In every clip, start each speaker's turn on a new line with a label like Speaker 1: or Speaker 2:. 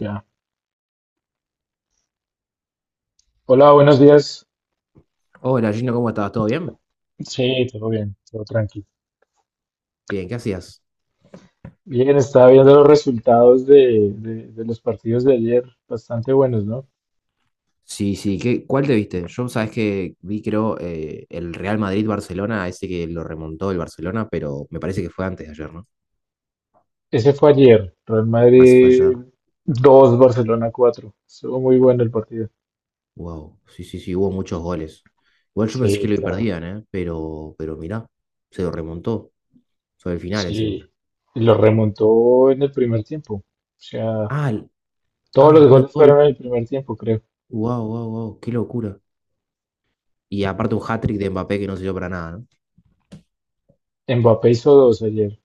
Speaker 1: Ya. Hola, buenos días.
Speaker 2: Hola Gino, ¿cómo estás? ¿Todo bien?
Speaker 1: Sí, todo bien, todo tranquilo.
Speaker 2: Bien, ¿qué hacías?
Speaker 1: Bien, estaba viendo los resultados de los partidos de ayer, bastante buenos, ¿no?
Speaker 2: Sí, sí, ¿qué, cuál te viste? Yo, sabes que vi, creo, el Real Madrid-Barcelona, ese que lo remontó el Barcelona, pero me parece que fue antes de ayer, ¿no?
Speaker 1: Ese fue ayer, Real
Speaker 2: Ah, sí fue
Speaker 1: Madrid
Speaker 2: ayer.
Speaker 1: 2, Barcelona 4. Estuvo muy bueno el partido.
Speaker 2: Wow, sí, sí, sí, hubo muchos goles. Igual yo pensé que
Speaker 1: Sí,
Speaker 2: lo
Speaker 1: claro.
Speaker 2: perdían, ¿eh? Pero mirá, se lo remontó sobre el final encima.
Speaker 1: Sí. Y lo remontó en el primer tiempo. O sea,
Speaker 2: Ah, el-
Speaker 1: todos
Speaker 2: ah,
Speaker 1: los
Speaker 2: claro,
Speaker 1: goles
Speaker 2: todo el...
Speaker 1: fueron en el primer tiempo, creo.
Speaker 2: Wow, wow, wow, qué locura. Y aparte un hat-trick de Mbappé que no sirvió para nada, ¿no?
Speaker 1: Mbappé hizo dos ayer.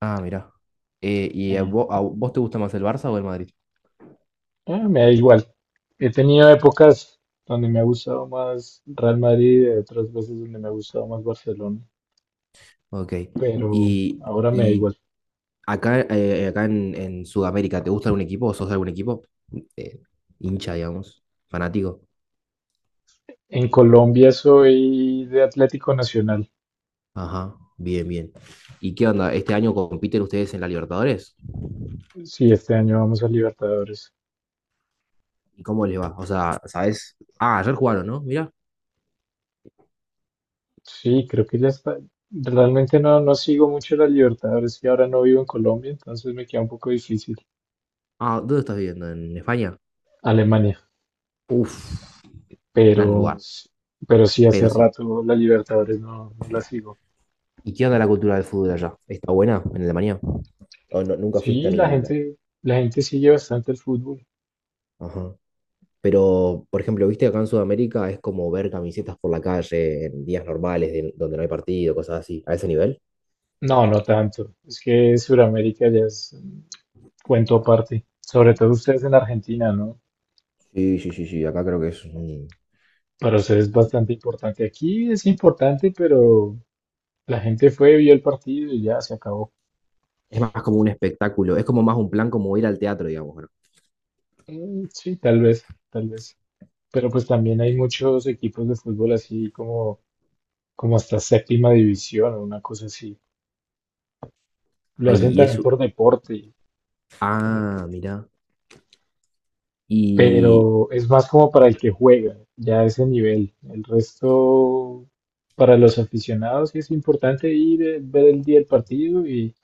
Speaker 2: Ah, mirá. ¿Y a vos te gusta más el Barça o el Madrid?
Speaker 1: Ah, me da igual. He tenido épocas donde me ha gustado más Real Madrid y otras veces donde me ha gustado más Barcelona,
Speaker 2: Ok.
Speaker 1: pero
Speaker 2: Y,
Speaker 1: ahora me da
Speaker 2: y
Speaker 1: igual.
Speaker 2: acá, acá en Sudamérica, ¿te gusta algún equipo o sos de algún equipo? Eh, hincha, digamos, fanático.
Speaker 1: En Colombia soy de Atlético Nacional.
Speaker 2: Ajá, bien, bien. ¿Y qué onda? ¿Este año compiten ustedes en la Libertadores?
Speaker 1: Sí, este año vamos a Libertadores.
Speaker 2: ¿Y cómo les va? O sea, ¿sabes? Ah, ayer jugaron, ¿no? Mirá.
Speaker 1: Sí, creo que ya está. Realmente no, no sigo mucho las Libertadores y ahora no vivo en Colombia, entonces me queda un poco difícil.
Speaker 2: Ah, ¿dónde estás viviendo? ¿En España?
Speaker 1: Alemania,
Speaker 2: Uf, gran
Speaker 1: pero,
Speaker 2: lugar.
Speaker 1: pero sí hace
Speaker 2: Pero sí.
Speaker 1: rato las Libertadores no, no las sigo.
Speaker 2: ¿Y qué onda la cultura del fútbol allá? ¿Está buena en Alemania? ¿O nunca fuiste
Speaker 1: Sí,
Speaker 2: al...
Speaker 1: la gente sigue bastante el fútbol.
Speaker 2: Ajá. Pero, por ejemplo, viste acá en Sudamérica es como ver camisetas por la calle en días normales donde no hay partido, cosas así, a ese nivel.
Speaker 1: No, no tanto. Es que Sudamérica ya es un cuento aparte. Sobre todo ustedes en Argentina, ¿no?
Speaker 2: Sí, sí, sí, sí, acá creo que es un...
Speaker 1: Para ustedes es bastante importante. Aquí es importante, pero la gente fue, vio el partido y ya se acabó.
Speaker 2: Es más como un espectáculo, es como más un plan como ir al teatro, digamos, ¿no?
Speaker 1: Mm, sí, tal vez, tal vez. Pero pues también hay muchos equipos de fútbol así como, como hasta séptima división o una cosa así. Lo
Speaker 2: Ah, y
Speaker 1: hacen
Speaker 2: y
Speaker 1: también
Speaker 2: eso.
Speaker 1: por deporte,
Speaker 2: Ah, mirá. Y,
Speaker 1: pero es más como para el que juega, ya a ese nivel. El resto, para los aficionados, sí es importante ir, ver el día del partido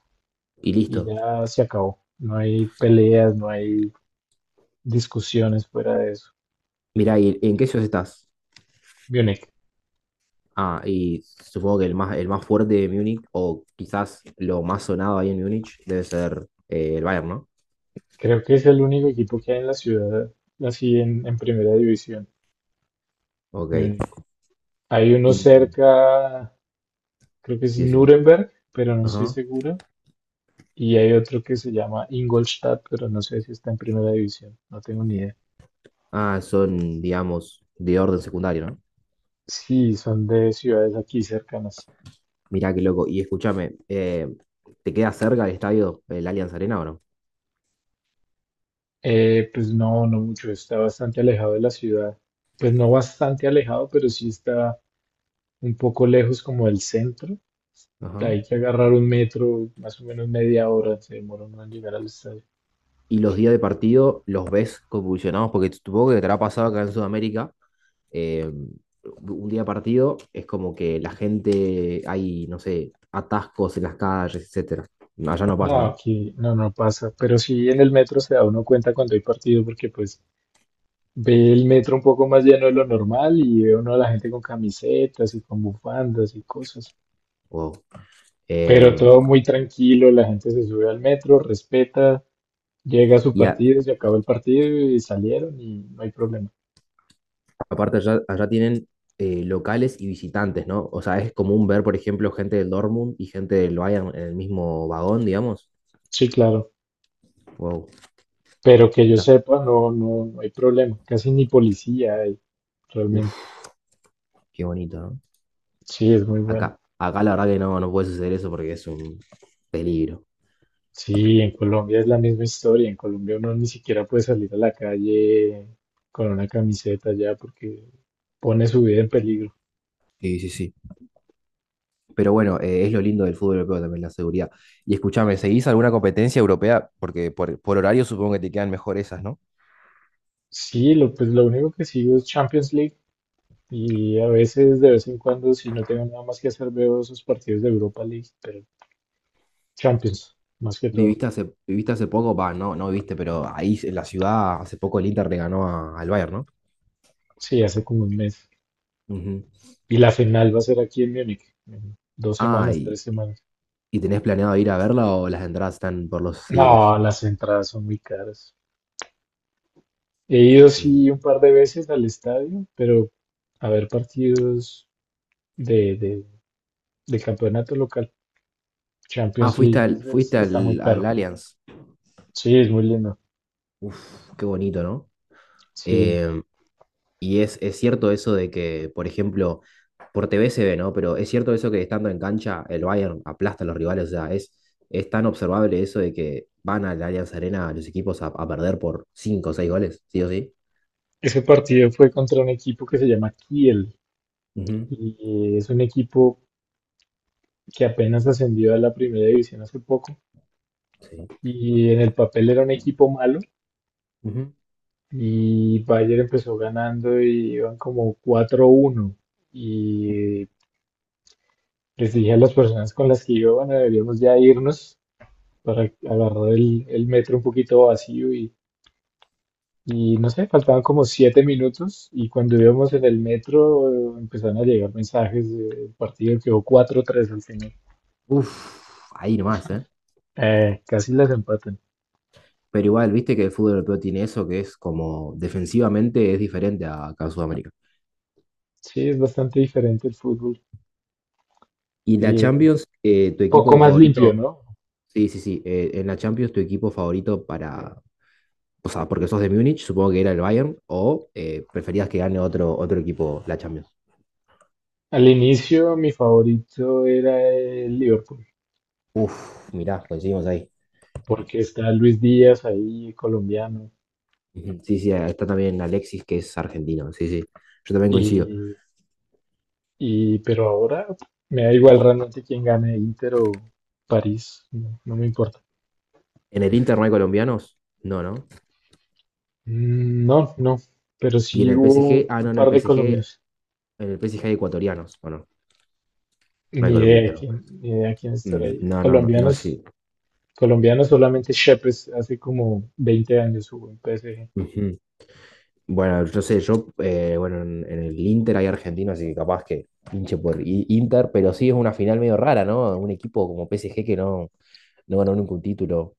Speaker 2: y
Speaker 1: y
Speaker 2: listo.
Speaker 1: ya se acabó. No hay peleas, no hay discusiones fuera de eso.
Speaker 2: Mirá, ¿y en qué ciudad estás?
Speaker 1: Múnich,
Speaker 2: Ah, y supongo que el más fuerte de Múnich, o quizás lo más sonado ahí en Múnich, debe ser el Bayern, ¿no?
Speaker 1: creo que es el único equipo que hay en la ciudad, así en primera división,
Speaker 2: Ok.
Speaker 1: Múnich. Hay uno
Speaker 2: Y,
Speaker 1: cerca, creo que es
Speaker 2: sí, sí.
Speaker 1: Nuremberg, pero no estoy seguro. Y hay otro que se llama Ingolstadt, pero no sé si está en primera división. No tengo ni idea.
Speaker 2: Ah, son, digamos, de orden secundario, ¿no?
Speaker 1: Sí, son de ciudades aquí cercanas.
Speaker 2: Mirá qué loco. Y escúchame, ¿te queda cerca el estadio, el Allianz Arena o no?
Speaker 1: Pues no, no mucho, está bastante alejado de la ciudad. Pues no bastante alejado, pero sí está un poco lejos como del centro.
Speaker 2: Ajá.
Speaker 1: Hay que agarrar un metro, más o menos media hora, se demora uno en llegar al estadio.
Speaker 2: Y los días de partido los ves convulsionados, porque supongo que te habrá pasado acá en Sudamérica. eh, un día de partido es como que la gente, hay, no sé, atascos en las calles, etcétera. Allá no pasa,
Speaker 1: No,
Speaker 2: ¿no?
Speaker 1: aquí no, no pasa, pero sí en el metro se da uno cuenta cuando hay partido porque pues ve el metro un poco más lleno de lo normal y ve uno a la gente con camisetas y con bufandas y cosas,
Speaker 2: O, em,
Speaker 1: pero todo muy tranquilo, la gente se sube al metro, respeta, llega su
Speaker 2: y a-
Speaker 1: partido, se acabó el partido y salieron y no hay problema.
Speaker 2: Aparte, allá, allá tienen locales y visitantes, ¿no? O sea, es común ver, por ejemplo, gente del Dortmund y gente del Bayern en el mismo vagón, digamos.
Speaker 1: Sí, claro.
Speaker 2: Wow,
Speaker 1: Pero que yo
Speaker 2: mirá.
Speaker 1: sepa, no, no, no hay problema. Casi ni policía hay,
Speaker 2: Uf,
Speaker 1: realmente.
Speaker 2: qué bonito, ¿no?
Speaker 1: Sí, es muy bueno.
Speaker 2: Acá, acá la verdad que no, no puede suceder eso porque es un peligro.
Speaker 1: Sí, en Colombia es la misma historia. En Colombia uno ni siquiera puede salir a la calle con una camiseta ya porque pone su vida en peligro.
Speaker 2: Sí, sí, sí. Pero bueno, es lo lindo del fútbol europeo también, la seguridad. Y escúchame, ¿seguís alguna competencia europea? Porque por horario supongo que te quedan mejor esas, ¿no?
Speaker 1: Sí, lo, pues lo único que sigo es Champions League y a veces, de vez en cuando, si no tengo nada más que hacer, veo esos partidos de Europa League, pero Champions, más que todo.
Speaker 2: ¿Viviste hace poco? Va, no, no viviste, pero ahí en la ciudad hace poco el Inter le ganó al Bayern, ¿no?
Speaker 1: Sí, hace como un mes.
Speaker 2: Ujú.
Speaker 1: Y la final va a ser aquí en Múnich, en dos semanas,
Speaker 2: Ay,
Speaker 1: tres semanas.
Speaker 2: ¿y tenés planeado ir a verla o las entradas están por los cielos?
Speaker 1: No, las entradas son muy caras. He ido
Speaker 2: Mi-
Speaker 1: sí un par de veces al estadio, pero a ver partidos de, de, de campeonato local.
Speaker 2: Ah,
Speaker 1: Champions League es- está muy
Speaker 2: al
Speaker 1: caro.
Speaker 2: Allianz.
Speaker 1: Sí, es muy lindo.
Speaker 2: Uf, qué bonito, ¿no?
Speaker 1: Sí.
Speaker 2: Eh, y es cierto eso de que, por ejemplo, por TV se ve, ¿no? Pero es cierto eso que estando en cancha, el Bayern aplasta a los rivales. O sea, es tan observable eso de que van al Allianz Arena los equipos a perder por 5 o 6 goles, ¿sí o sí?
Speaker 1: Ese partido fue contra un equipo que se llama Kiel
Speaker 2: Ujú,
Speaker 1: y es un equipo que apenas ascendió a la primera división hace poco
Speaker 2: sí.
Speaker 1: y en el papel era un equipo malo.
Speaker 2: Ujú.
Speaker 1: Y Bayern empezó ganando y iban como cuatro uno. Y les dije a las personas con las que iba, bueno, deberíamos ya irnos para agarrar el metro un poquito vacío y no sé, faltaban como 7 minutos y cuando íbamos en el metro empezaron a llegar mensajes del partido, quedó cuatro tres al final.
Speaker 2: Uf, ahí nomás, ¿eh?
Speaker 1: Casi las empatan.
Speaker 2: Pero igual, viste que el fútbol europeo tiene eso, que es como defensivamente es diferente a acá en Sudamérica.
Speaker 1: Sí, es bastante diferente el fútbol
Speaker 2: Y la
Speaker 1: y
Speaker 2: Champions,
Speaker 1: poco más limpio, ¿no?
Speaker 2: sí, sí, sí, en la Champions tu equipo favorito o sea, porque sos de Múnich, supongo que era el Bayern, o preferías que gane otro equipo la Champions.
Speaker 1: Al inicio mi favorito era el Liverpool,
Speaker 2: Uf, mirá, coincidimos ahí.
Speaker 1: porque está Luis Díaz ahí, colombiano,
Speaker 2: Ujú. Sí, sí, está también Alexis, que es argentino, sí, sí, yo también coincido.
Speaker 1: y, pero ahora me da igual realmente quién gane, Inter o París, no, no me importa.
Speaker 2: ¿En el Inter no hay colombianos? No, ¿no?
Speaker 1: Mm, no, no, pero
Speaker 2: ¿Y en
Speaker 1: sí
Speaker 2: el PSG?
Speaker 1: hubo
Speaker 2: Ah, no,
Speaker 1: un
Speaker 2: en
Speaker 1: par de
Speaker 2: el PSG,
Speaker 1: colombianos,
Speaker 2: en el PSG hay ecuatorianos, ¿o no? No
Speaker 1: ni
Speaker 2: hay
Speaker 1: idea de
Speaker 2: colombianos.
Speaker 1: quién, ni idea de quién estará
Speaker 2: Mm,
Speaker 1: ahí.
Speaker 2: no, no, no, no,
Speaker 1: Colombianos,
Speaker 2: sí.
Speaker 1: colombianos solamente Shepes, hace como 20 años hubo en PSG.
Speaker 2: Ujú. Bueno, yo sé, yo, bueno, en el Inter hay argentino, así que capaz que hinche por Inter, pero sí es una final medio rara, ¿no? Un equipo como PSG que no, no ganó nunca un título.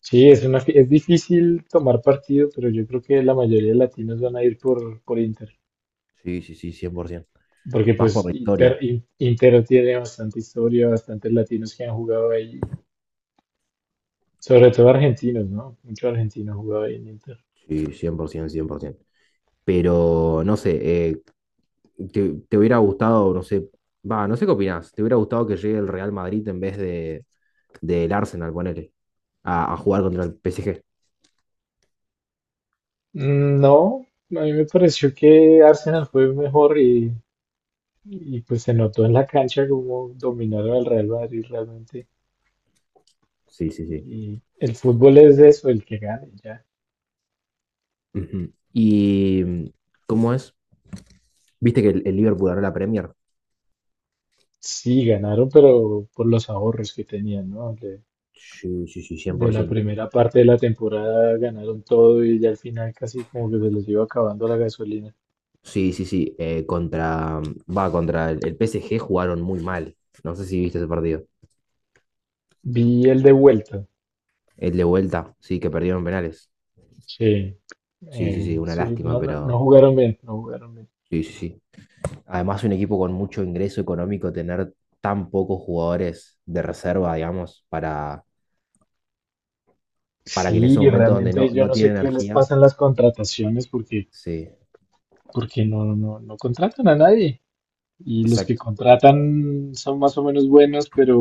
Speaker 1: Sí, es una, es difícil tomar partido, pero yo creo que la mayoría de latinos van a ir por Inter.
Speaker 2: Sí, sí, sí, 100%.
Speaker 1: Porque
Speaker 2: Más por
Speaker 1: pues
Speaker 2: la
Speaker 1: Inter,
Speaker 2: historia.
Speaker 1: Inter tiene bastante historia, bastantes latinos que han jugado ahí, sobre todo argentinos, ¿no? Muchos argentinos han jugado ahí en Inter.
Speaker 2: Sí, cien cien por ciento, cien por 100%. Pero, no sé, te hubiera gustado, no sé, va, no sé qué opinás, te hubiera gustado que llegue el Real Madrid en vez de, del Arsenal, ponele, a jugar contra el PSG.
Speaker 1: Mm, no, a mí me pareció que Arsenal fue mejor y, pues se notó en la cancha como dominaron al Real Madrid realmente.
Speaker 2: Sí, sí, sí.
Speaker 1: Y el fútbol es de eso, el que gane, ya.
Speaker 2: Ujú. ¿Y cómo es? ¿Viste que el Liverpool ganó la Premier?
Speaker 1: Sí, ganaron, pero por los ahorros que tenían, ¿no?
Speaker 2: Sí, sí, sí,
Speaker 1: De la
Speaker 2: 100%.
Speaker 1: primera parte de la temporada ganaron todo y ya al final casi como que se les iba acabando la gasolina.
Speaker 2: Sí, sí, sí. Contra el PSG jugaron muy mal. No sé si viste ese partido.
Speaker 1: Vi el de vuelta.
Speaker 2: El de vuelta, sí, que perdieron penales.
Speaker 1: Sí,
Speaker 2: Sí, sí, sí, una
Speaker 1: sí,
Speaker 2: lástima,
Speaker 1: no, no, no
Speaker 2: pero
Speaker 1: jugaron bien, no jugaron bien.
Speaker 2: sí, sí, sí. Además, un equipo con mucho ingreso económico, tener tan pocos jugadores de reserva, digamos, para que en
Speaker 1: Sí,
Speaker 2: esos momentos donde no,
Speaker 1: realmente yo
Speaker 2: no
Speaker 1: no
Speaker 2: tiene
Speaker 1: sé qué les
Speaker 2: energía,
Speaker 1: pasa en las contrataciones porque,
Speaker 2: sí,
Speaker 1: porque no, no, no contratan a nadie. Y los que
Speaker 2: exacto,
Speaker 1: contratan son más o menos buenos, pero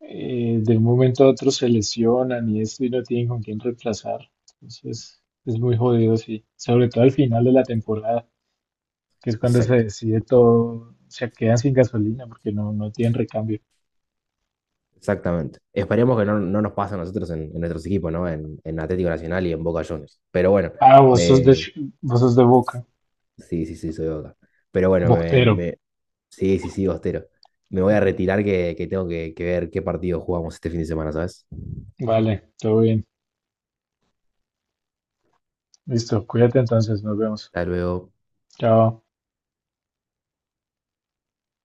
Speaker 1: de un momento a otro se lesionan y esto y no tienen con quién reemplazar. Entonces es muy jodido, sí. Sobre todo al final de la temporada, que es cuando se
Speaker 2: exacto.
Speaker 1: decide todo, se quedan sin gasolina porque no, no tienen recambio.
Speaker 2: Exactamente. Esperemos que no, no nos pase a nosotros en nuestros equipos, ¿no? En Atlético Nacional y en Boca Juniors. Pero bueno,
Speaker 1: Ah, vos sos de,
Speaker 2: me...
Speaker 1: Vos sos de Boca.
Speaker 2: sí, sí, sí, soy de Boca. Pero bueno,
Speaker 1: Bostero.
Speaker 2: sí, sí, sí, Bostero. Me voy a retirar que tengo que ver qué partido jugamos este fin de semana, ¿sabes?
Speaker 1: Vale, todo bien. Listo, cuídate entonces, nos vemos.
Speaker 2: Hasta luego.
Speaker 1: Chao.